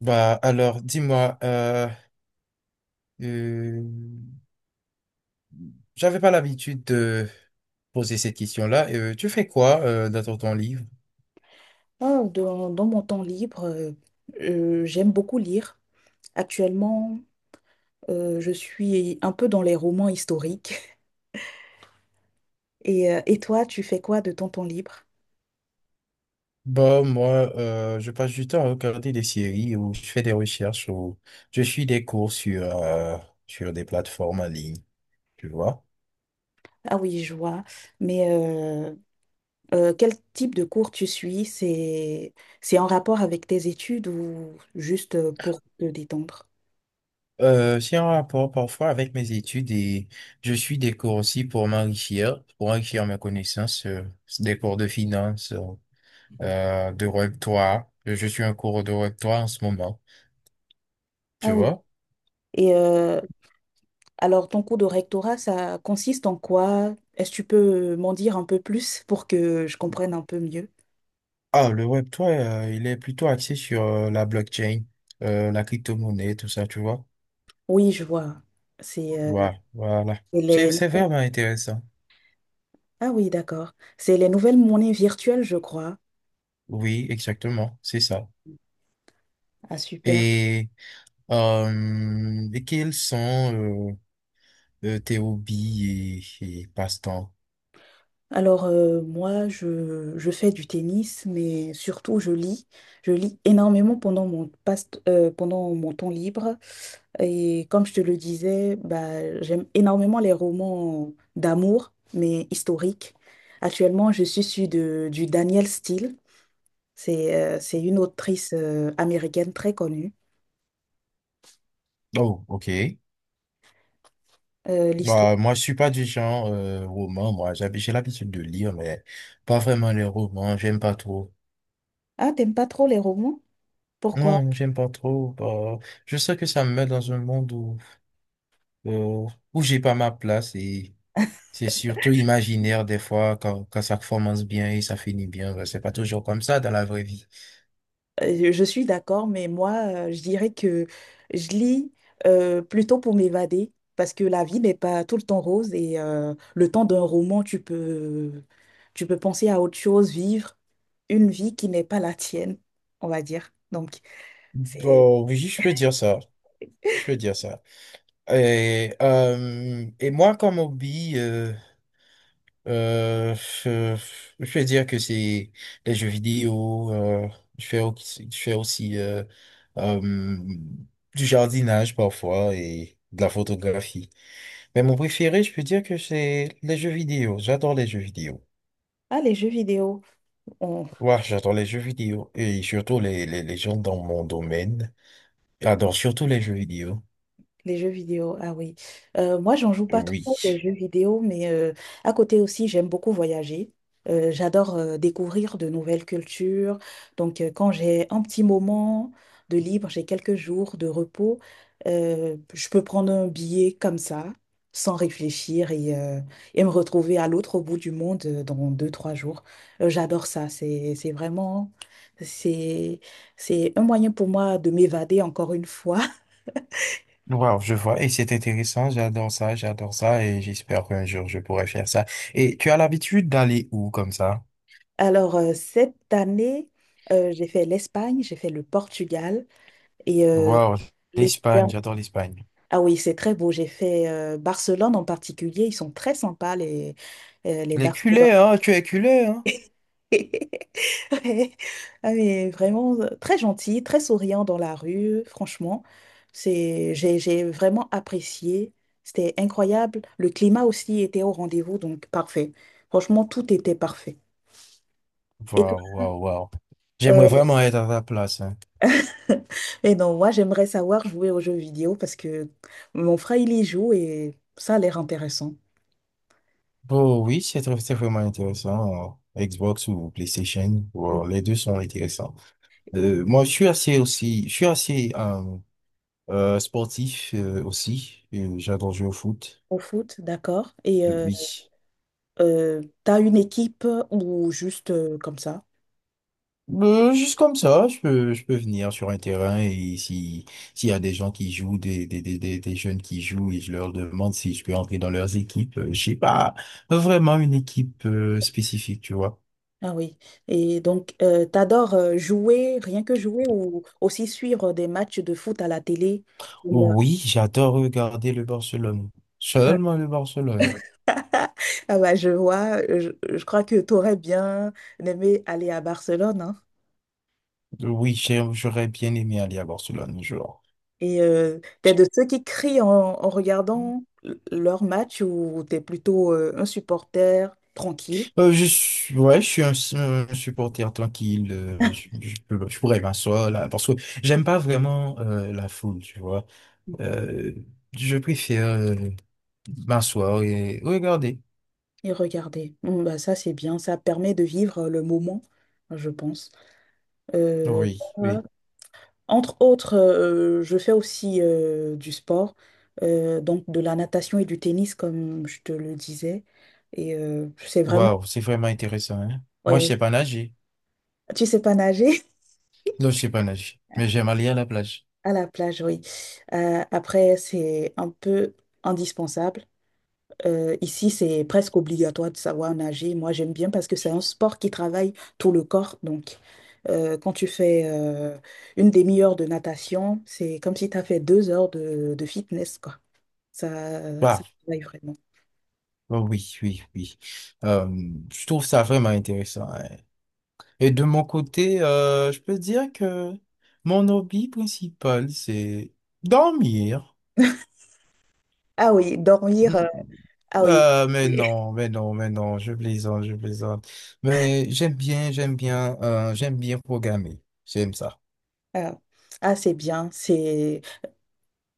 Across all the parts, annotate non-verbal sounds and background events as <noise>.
Bah alors, dis-moi, euh, j'avais pas l'habitude de poser cette question-là. Tu fais quoi dans ton temps livre? Ah. Dans mon temps libre, j'aime beaucoup lire. Actuellement, je suis un peu dans les romans historiques. <laughs> Et toi, tu fais quoi de ton temps libre? Bah moi, je passe du temps à regarder des séries ou je fais des recherches ou je suis des cours sur sur des plateformes en ligne, tu vois. Ah oui, je vois. Mais quel type de cours tu suis? C'est en rapport avec tes études ou juste pour te détendre? C'est en rapport parfois avec mes études et je suis des cours aussi pour m'enrichir, pour enrichir mes connaissances, des cours de finance. De Web3. Je suis en cours de Web3 en ce moment, tu Ah oui. vois. Et alors, ton cours de rectorat, ça consiste en quoi? Est-ce que tu peux m'en dire un peu plus pour que je comprenne un peu mieux? Ah, le Web3, il est plutôt axé sur la blockchain, la crypto-monnaie, tout ça, tu vois. Oui, je vois. C'est Voilà, voilà. Et C'est, les- c'est vraiment intéressant. Ah oui, d'accord. C'est les nouvelles monnaies virtuelles, je crois. Oui, exactement, c'est ça. Ah, super. Et, et quels sont tes hobbies et passe-temps? Alors, moi, je fais du tennis, mais surtout, je lis. Je lis énormément pendant mon, pendant mon temps libre. Et comme je te le disais, bah, j'aime énormément les romans d'amour, mais historiques. Actuellement, je suis sur du Danielle Steele. C'est une autrice américaine très connue. Oh, ok. L'histoire. Bah, moi, je suis pas du genre roman, moi. J'ai l'habitude de lire, mais pas vraiment les romans. J'aime pas trop. Ah, t'aimes pas trop les romans? Pourquoi? Non, j'aime pas trop. Je sais que ça me met dans un monde où, euh, où j'ai pas ma place et c'est surtout imaginaire des fois quand ça commence bien et ça finit bien. C'est pas toujours comme ça dans la vraie vie. Je suis d'accord, mais moi, je dirais que je lis plutôt pour m'évader, parce que la vie n'est pas tout le temps rose et le temps d'un roman, tu peux penser à autre chose, vivre une vie qui n'est pas la tienne, on va dire. Donc, c'est... Bon, oui, je peux dire ça. Je peux dire ça. Et moi, comme hobby, Euh, euh, je vais dire que c'est les jeux vidéo. Je fais aussi, je fais aussi euh, du jardinage parfois et de la photographie. Mais mon préféré, je peux dire que c'est les jeux vidéo. J'adore les jeux vidéo. Ah, les jeux vidéo, on, Ouais, j'adore les jeux vidéo et surtout les gens dans mon domaine adorent surtout les jeux vidéo. Les jeux vidéo, ah oui. Moi, j'en joue pas trop les Oui. jeux vidéo, mais à côté aussi, j'aime beaucoup voyager. J'adore découvrir de nouvelles cultures. Donc, quand j'ai un petit moment de libre, j'ai quelques jours de repos, je peux prendre un billet comme ça, sans réfléchir, et me retrouver à l'autre bout du monde dans deux, trois jours. J'adore ça. C'est vraiment, c'est, c'est un moyen pour moi de m'évader encore une fois. Wow, je vois. Et c'est intéressant. J'adore ça, j'adore ça. Et j'espère qu'un jour, je pourrai faire ça. Et tu as l'habitude d'aller où comme ça? Alors, cette année, j'ai fait l'Espagne, j'ai fait le Portugal et Wow, l'été l'Espagne, dernier- j'adore l'Espagne. Ah oui, c'est très beau. J'ai fait Barcelone en particulier. Ils sont très sympas, les Les Barcelonais. culés, hein? Tu es culé, hein? <laughs> Ouais. Ah, mais vraiment très gentils, très souriants dans la rue. Franchement, c'est, j'ai vraiment apprécié. C'était incroyable. Le climat aussi était au rendez-vous, donc parfait. Franchement, tout était parfait. Et toi, Waouh, waouh, waouh. J'aimerais euh, vraiment être à ta place, hein. <laughs> Et non, moi, j'aimerais savoir jouer aux jeux vidéo parce que mon frère, il y joue et ça a l'air intéressant. Oh oui, c'est vraiment intéressant. Xbox ou PlayStation, Mm. wow, les deux sont intéressants. Moi, je suis assez aussi, je suis assez sportif aussi. J'adore jouer au foot. Au foot, d'accord. Et Oui. T'as une équipe ou juste comme ça? Juste comme ça, je peux venir sur un terrain et si, s'il y a des gens qui jouent, des jeunes qui jouent et je leur demande si je peux entrer dans leurs équipes, j'ai pas vraiment une équipe spécifique, tu vois. Ah oui. Et donc, t'adores jouer, rien que jouer ou aussi suivre des matchs de foot à la télé? Comme, Oui, j'adore regarder le Barcelone. Seulement le Barcelone. Ah bah, je vois, je crois que t'aurais bien aimé aller à Barcelone, hein. Oui, j'aurais bien aimé aller à Barcelone un jour. Et t'es de ceux qui crient en regardant leur match ou t'es plutôt un supporter tranquille Ouais, je suis un, un supporter tranquille. Je je pourrais m'asseoir là parce que j'aime pas vraiment la foule, tu vois. Euh, je préfère m'asseoir et regarder. et regardez. Mm, bah ça, c'est bien. Ça permet de vivre le moment, je pense. Euh, Oui, moi, oui. entre autres, je fais aussi du sport, donc de la natation et du tennis, comme je te le disais. Et c'est vraiment... Waouh, c'est vraiment intéressant, hein. Moi, je ouais, sais pas nager. tu sais pas nager? <laughs> Non, je sais pas nager, mais j'aime aller à la plage. À la plage, oui. Après, c'est un peu indispensable. Ici, c'est presque obligatoire de savoir nager. Moi, j'aime bien parce que c'est un sport qui travaille tout le corps. Donc, quand tu fais une demi-heure de natation, c'est comme si tu as fait deux heures de fitness, quoi. Ça, ça travaille vraiment. Oh oui, oui, oui. Euh, je trouve ça vraiment intéressant, hein. Et de mon côté, je peux dire que mon hobby principal, c'est dormir. Ah oui, dormir. Mm. Ah oui. Mais non, mais non, mais non, je plaisante, je plaisante. Mais j'aime bien, j'aime bien, j'aime bien programmer. J'aime ça. <laughs> Ah, ah, c'est bien. C'est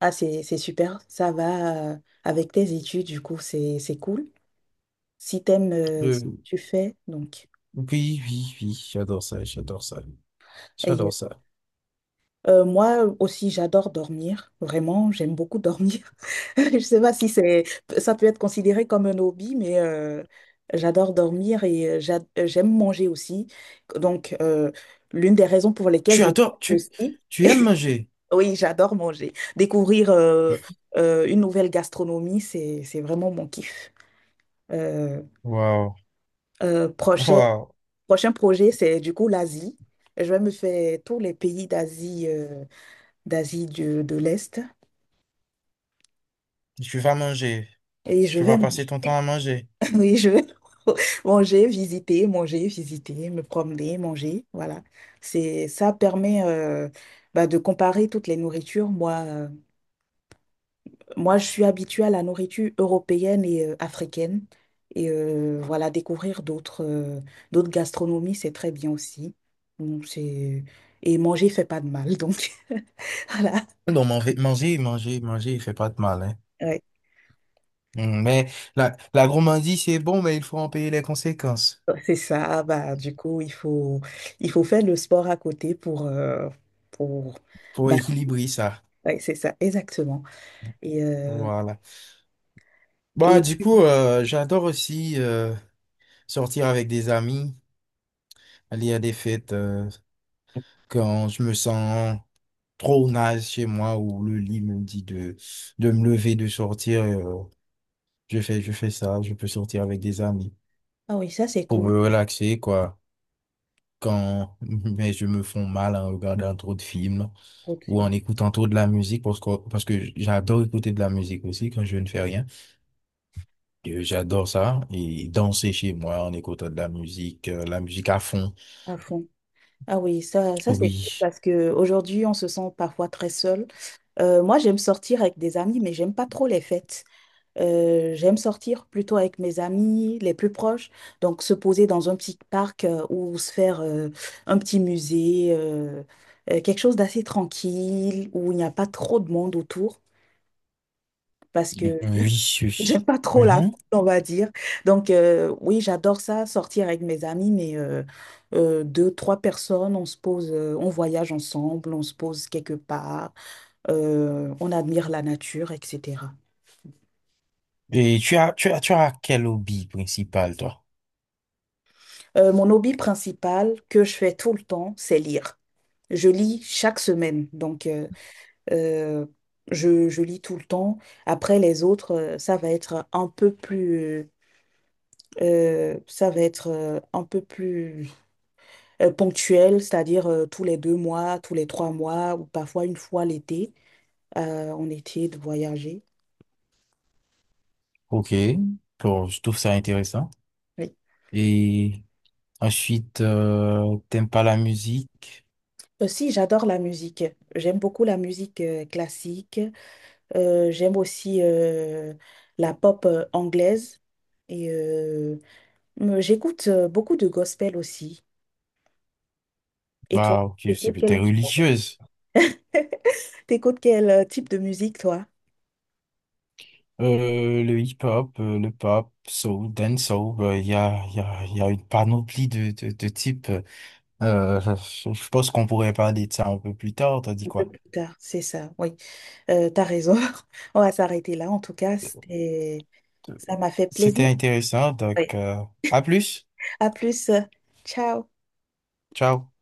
ah, c'est super. Ça va avec tes études, du coup, c'est cool. Si t'aimes ce que Euh, tu fais, donc. oui, oui, oui, j'adore ça, j'adore ça, j'adore ça. Moi aussi, j'adore dormir. Vraiment, j'aime beaucoup dormir. <laughs> Je sais pas si c'est, ça peut être considéré comme un hobby, mais j'adore dormir et j'aime manger aussi. Donc, l'une des raisons pour lesquelles Tu je adores, tu, aussi, Tu aimes manger. oui, j'adore manger. Découvrir une nouvelle gastronomie, c'est vraiment mon kiff. Euh, Waouh, euh, prochain waouh. prochain projet, c'est du coup l'Asie. Je vais me faire tous les pays d'Asie d'Asie de l'Est. Tu vas manger. Et je Tu vais vas passer ton temps à manger. oui, je <laughs> manger, visiter, me promener, manger. Voilà. C'est ça permet bah, de comparer toutes les nourritures. Moi, je suis habituée à la nourriture européenne et africaine. Et voilà, découvrir d'autres gastronomies, c'est très bien aussi. Donc, c'est... Et manger fait pas de mal, donc <laughs> voilà. Non, manger, manger, manger, il fait pas de mal, hein. Ouais. Mm. Mais la gourmandise, c'est bon, mais il faut en payer les conséquences C'est ça. Ah bah, du coup, il faut faire le sport à côté pour, pour bah, équilibrer ça. ouais, c'est ça, exactement. Et, euh, Voilà. Bah, et du coup, j'adore aussi sortir avec des amis, aller à des fêtes quand je me sens trop naze chez moi ou le lit me dit de me lever, de sortir. Je fais, je fais ça, je peux sortir avec des amis ah oui, ça c'est pour cool, me relaxer, quoi. Quand, <laughs> mais je me fais mal en regardant trop de films ou produire en écoutant trop de la musique parce que j'adore écouter de la musique aussi quand je ne fais rien. J'adore ça et danser chez moi en écoutant de la musique à fond. à fond. Ah oui, ça c'est cool Oui. parce que aujourd'hui on se sent parfois très seul. Moi j'aime sortir avec des amis, mais j'aime pas trop les fêtes. J'aime sortir plutôt avec mes amis les plus proches, donc se poser dans un petit parc ou se faire un petit musée, quelque chose d'assez tranquille où il n'y a pas trop de monde autour, parce que Vicious. j'aime pas trop la foule, Mhm. on va dire. Donc, oui, j'adore ça, sortir avec mes amis, mais deux, trois personnes, on se pose, on voyage ensemble, on se pose quelque part, on admire la nature, etc. Et tu as quel hobby principal, toi? Mon hobby principal que je fais tout le temps, c'est lire. Je lis chaque semaine, donc euh, je lis tout le temps. Après, les autres, ça va être un peu plus... ça va être un peu plus ponctuelles, c'est-à-dire tous les deux mois, tous les trois mois, ou parfois une fois l'été, on était de voyager. Ok. Bon, je trouve ça intéressant. Oui. Et ensuite, t'aimes pas la musique? Aussi, j'adore la musique. J'aime beaucoup la musique classique. J'aime aussi la pop anglaise. Et j'écoute beaucoup de gospel aussi. Et toi, Bah, ok, c'est t'écoutes peut-être quel, religieuse. <laughs> t'écoutes quel type de musique, toi? Le hip-hop, le pop, soul, dancehall, il y a une panoplie de types. Euh, je je pense qu'on pourrait parler de ça un peu plus tard, t'as dit Un peu quoi? plus tard, c'est ça, oui. T'as raison. <laughs> On va s'arrêter là. En tout cas, c'était... Ça m'a fait C'était plaisir. intéressant, Oui. donc à plus. À plus. Ciao. Ciao.